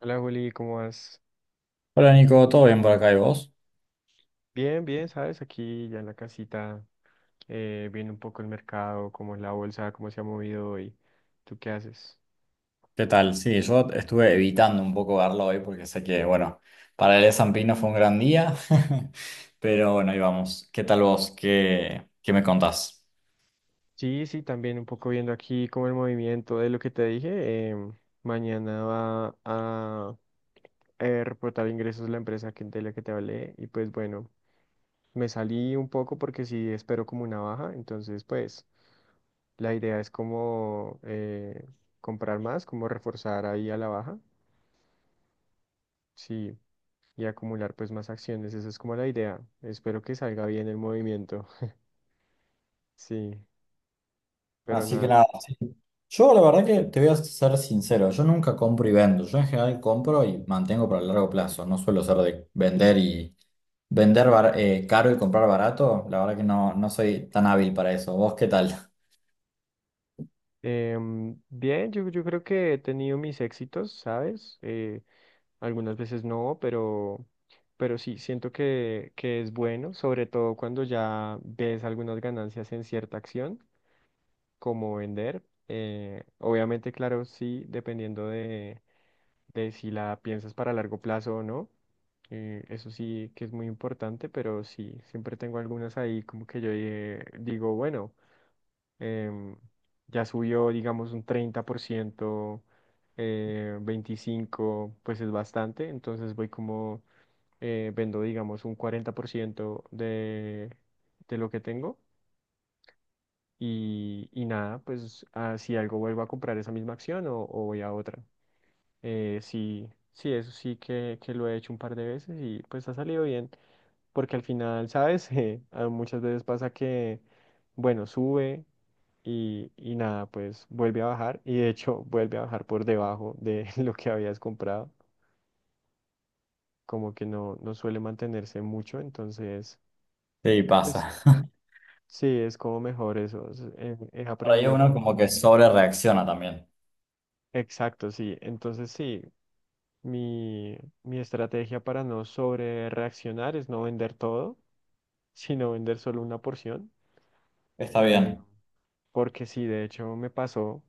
Hola Juli, ¿cómo vas? Hola Nico, ¿todo bien por acá y vos? Bien, bien, ¿sabes? Aquí ya en la casita, viendo un poco el mercado, cómo es la bolsa, cómo se ha movido hoy. ¿Tú qué haces? ¿Qué tal? Sí, yo estuve evitando un poco verlo hoy porque sé que, bueno, para el S&P no fue un gran día, pero bueno, ahí vamos. ¿Qué tal vos? ¿Qué me contás? Sí, sí, también un poco viendo aquí como el movimiento de lo que te dije. Mañana va a reportar ingresos la empresa de la que te hablé, y pues bueno, me salí un poco porque sí espero como una baja. Entonces pues la idea es como comprar más, como reforzar ahí a la baja. Sí. Y acumular pues más acciones. Esa es como la idea. Espero que salga bien el movimiento. Sí, pero Así que nada. nada, sí. Yo la verdad que te voy a ser sincero, yo nunca compro y vendo, yo en general compro y mantengo para el largo plazo, no suelo ser de vender y vender caro y comprar barato, la verdad que no, no soy tan hábil para eso. ¿Vos qué tal? Bien, yo creo que he tenido mis éxitos, ¿sabes? Algunas veces no, pero sí, siento que es bueno, sobre todo cuando ya ves algunas ganancias en cierta acción, como vender. Obviamente, claro, sí, dependiendo de si la piensas para largo plazo o no. Eso sí que es muy importante, pero sí, siempre tengo algunas ahí como que yo digo, bueno, em, ya subió, digamos, un 30%, 25%, pues es bastante. Entonces voy como, vendo, digamos, un 40% de, lo que tengo. Y nada, pues si algo vuelvo a comprar esa misma acción o voy a otra. Sí, sí, eso sí que lo he hecho un par de veces y pues ha salido bien, porque al final, ¿sabes? Muchas veces pasa que, bueno, sube y nada, pues vuelve a bajar. Y de hecho vuelve a bajar por debajo de lo que habías comprado, como que no suele mantenerse mucho. Entonces, Sí, pues sí, pasa. sí, es como mejor eso. He Por ahí aprendido uno como, como que sobre reacciona también. exacto, sí, entonces sí, mi, mi estrategia para no sobre reaccionar es no vender todo sino vender solo una porción. Está eh, bien. Porque sí, de hecho me pasó,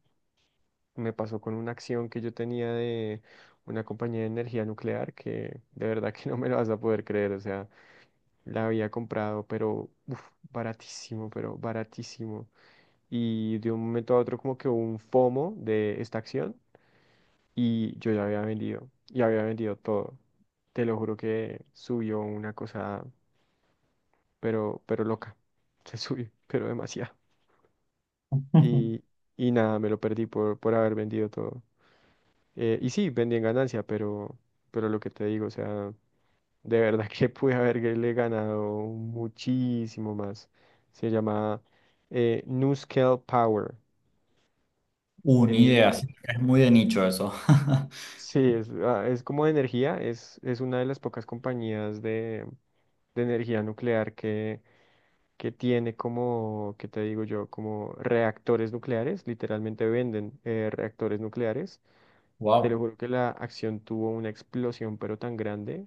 me pasó con una acción que yo tenía de una compañía de energía nuclear, que de verdad que no me lo vas a poder creer. O sea, la había comprado, pero uf, baratísimo, pero baratísimo. Y de un momento a otro como que hubo un FOMO de esta acción, y yo ya había vendido todo. Te lo juro que subió una cosa, pero loca. Se subió, pero demasiado. Y, y nada, me lo perdí por haber vendido todo. Y sí, vendí en ganancia, pero lo que te digo, o sea, de verdad que pude haberle ganado muchísimo más. Se llama NuScale Power. Una Eh, idea, sí, es muy de nicho eso. sí, es como de energía. Es una de las pocas compañías de, energía nuclear que tiene como, ¿qué te digo yo? Como reactores nucleares, literalmente venden reactores nucleares. Te lo Wow. juro que la acción tuvo una explosión, pero tan grande,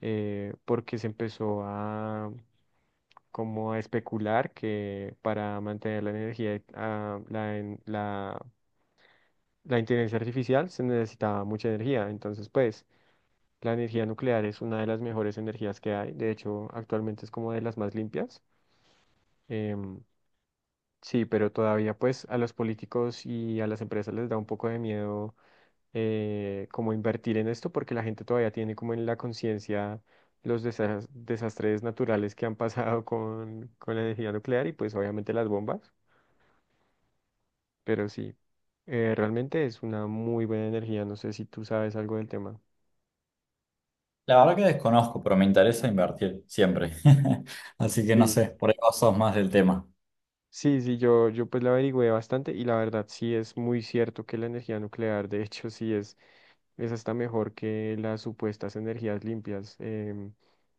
porque se empezó a como a especular que para mantener la energía, ah, la, en- la, la inteligencia artificial se necesitaba mucha energía. Entonces, pues, la energía nuclear es una de las mejores energías que hay. De hecho, actualmente es como de las más limpias. Em, sí, pero todavía, pues, a los políticos y a las empresas les da un poco de miedo como invertir en esto, porque la gente todavía tiene como en la conciencia los desastres naturales que han pasado con, la energía nuclear y pues obviamente las bombas. Pero sí, realmente es una muy buena energía. No sé si tú sabes algo del tema. La verdad que desconozco, pero me interesa invertir siempre. Así que no Sí, sé, por ahí vos sos más del tema. sí, sí, yo pues la averigüé bastante, y la verdad sí es muy cierto que la energía nuclear, de hecho sí es hasta mejor que las supuestas energías limpias.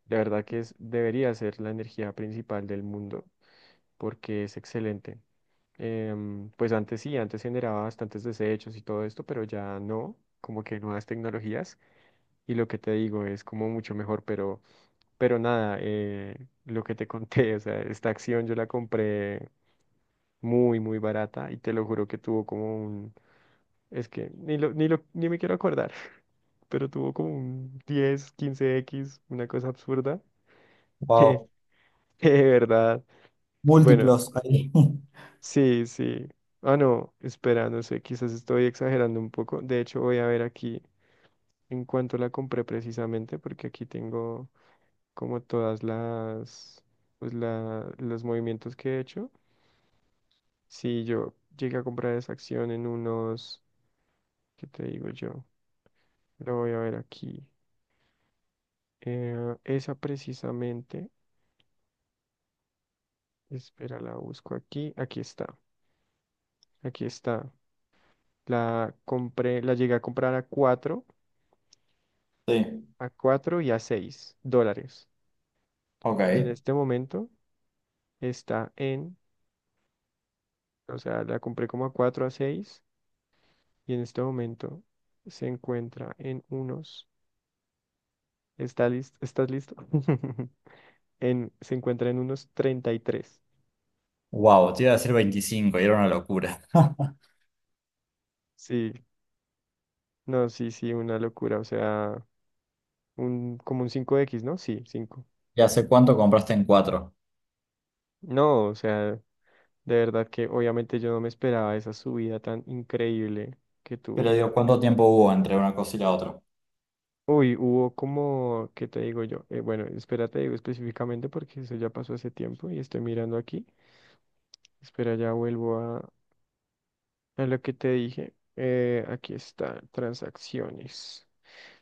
De verdad que debería ser la energía principal del mundo. Porque es excelente. Pues antes sí, antes generaba bastantes desechos y todo esto, pero ya no, como que nuevas tecnologías. Y lo que te digo es como mucho mejor, pero nada, lo que te conté. O sea, esta acción yo la compré muy, muy barata, y te lo juro que tuvo como un, es que ni me quiero acordar, pero tuvo como un 10-15X, una cosa absurda, que Wow. que de verdad. Bueno, Múltiplos ahí. sí, sí. Ah, no, espera, no sé, quizás estoy exagerando un poco. De hecho, voy a ver aquí en cuánto la compré precisamente, porque aquí tengo como todas las, los movimientos que he hecho. Si yo llegué a comprar esa acción en unos, ¿qué te digo yo? Lo voy a ver aquí. Esa precisamente, espera, la busco aquí. Aquí está, aquí está. La compré, la llegué a comprar a 4. Sí, A 4 y a 6 dólares. Y en ok. este momento está en, o sea, la compré como a 4 a seis, y en este momento se encuentra en unos, ¿está listo? ¿Estás listo? En, se encuentra en unos 33. Wow, te iba a decir 25, y era una locura. Sí, no, sí, sí, una locura, o sea, un, como un 5X, ¿no? Sí, cinco. ¿Y hace cuánto compraste en cuatro? No, o sea, de verdad que obviamente yo no me esperaba esa subida tan increíble que Pero tuvo. digo, ¿cuánto tiempo hubo entre una cosa y la otra? Uy, hubo como, ¿qué te digo yo? Bueno, espera, te digo específicamente porque eso ya pasó hace tiempo y estoy mirando aquí. Espera, ya vuelvo a, lo que te dije. Aquí está, transacciones.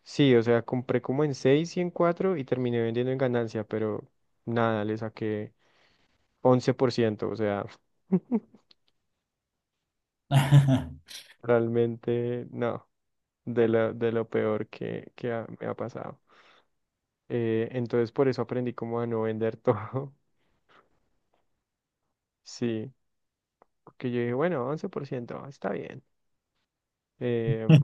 Sí, o sea, compré como en 6 y en 4 y terminé vendiendo en ganancia, pero nada, le saqué 11%, o sea, realmente no, de lo peor me ha pasado. Entonces por eso aprendí como a no vender todo. Sí, porque yo dije, bueno, 11% está bien. Em,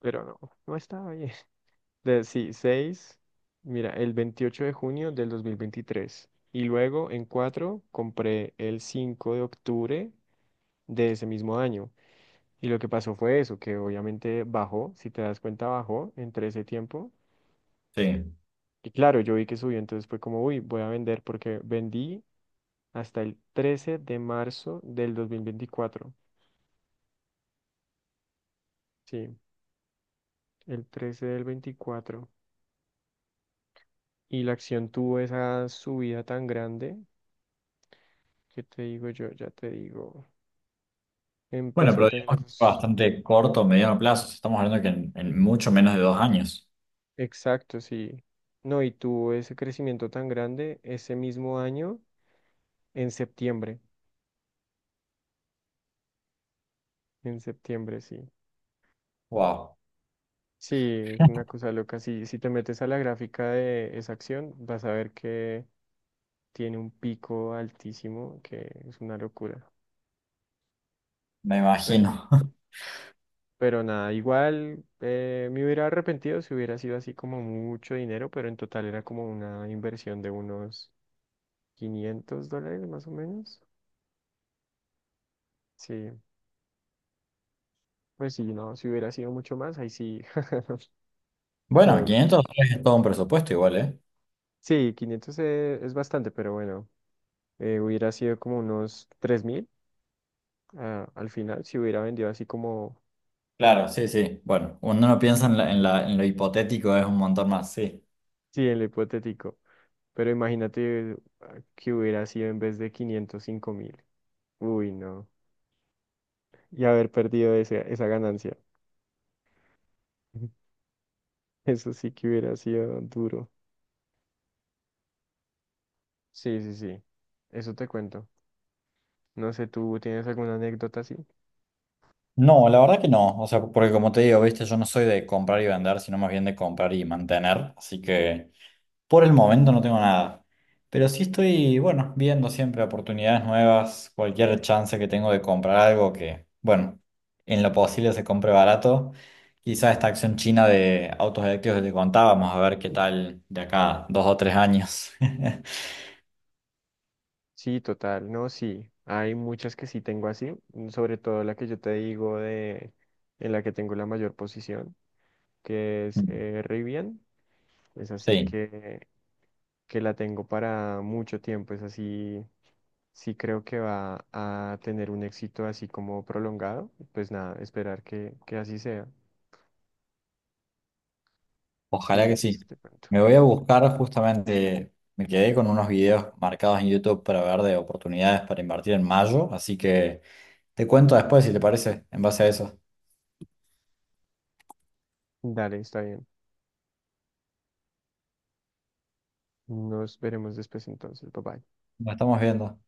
pero no, no estaba bien. Sí, seis, mira, el 28 de junio de 2023. Y luego en 4 compré el 5 de octubre de ese mismo año. Y lo que pasó fue eso, que obviamente bajó, si te das cuenta, bajó entre ese tiempo. Sí. Y claro, yo vi que subió. Entonces fue como, uy, voy a vender, porque vendí hasta el 13 de marzo de 2024. Sí. El 13 del 24. Y la acción tuvo esa subida tan grande, que te digo yo, ya te digo, Bueno, empezó a pero tener digamos que fue esos bastante corto, mediano plazo. Si estamos hablando que en mucho menos de 2 años. exactos. Y no, y tuvo ese crecimiento tan grande ese mismo año en septiembre, en septiembre, sí. Wow. Sí, es una cosa loca. Sí, si te metes a la gráfica de esa acción, vas a ver que tiene un pico altísimo, que es una locura. Me Pero, imagino. Nada, igual me hubiera arrepentido si hubiera sido así como mucho dinero, pero en total era como una inversión de unos $500 más o menos. Sí, pues sí, no, si hubiera sido mucho más, ahí sí, qué Bueno, dolor. $500 es todo un presupuesto igual, ¿eh? Sí, 500 es bastante, pero bueno, hubiera sido como unos 3000, al final, si hubiera vendido así como, Claro, sí, sí. Bueno, uno no piensa en lo hipotético, es un montón más, sí. sí, en lo hipotético. Pero imagínate que hubiera sido en vez de quinientos, 5000. Uy, no. Y haber perdido esa ganancia. Eso sí que hubiera sido duro. Sí, sí, sí. Eso te cuento. No sé, ¿tú tienes alguna anécdota así? No, la verdad que no. O sea, porque como te digo, viste, yo no soy de comprar y vender, sino más bien de comprar y mantener. Así que por el momento no tengo nada. Pero sí estoy, bueno, viendo siempre oportunidades nuevas, cualquier chance que tengo de comprar algo que, bueno, en lo posible se compre barato. Quizá esta acción china de autos eléctricos que te contaba, vamos a ver qué tal de acá 2 o 3 años. Sí, total. No, sí. Hay muchas que sí tengo así. Sobre todo la que yo te digo de en la que tengo la mayor posición, que es Rivian. Es así Sí. que la tengo para mucho tiempo. Es así. Sí, creo que va a tener un éxito así como prolongado. Pues nada, esperar que así sea. Sí, Ojalá que sí. eso te cuento. Me voy a buscar justamente, me quedé con unos videos marcados en YouTube para ver de oportunidades para invertir en mayo, así que te cuento después si te parece, en base a eso. Dale, está bien. Nos veremos después entonces. Bye bye. Nos estamos viendo.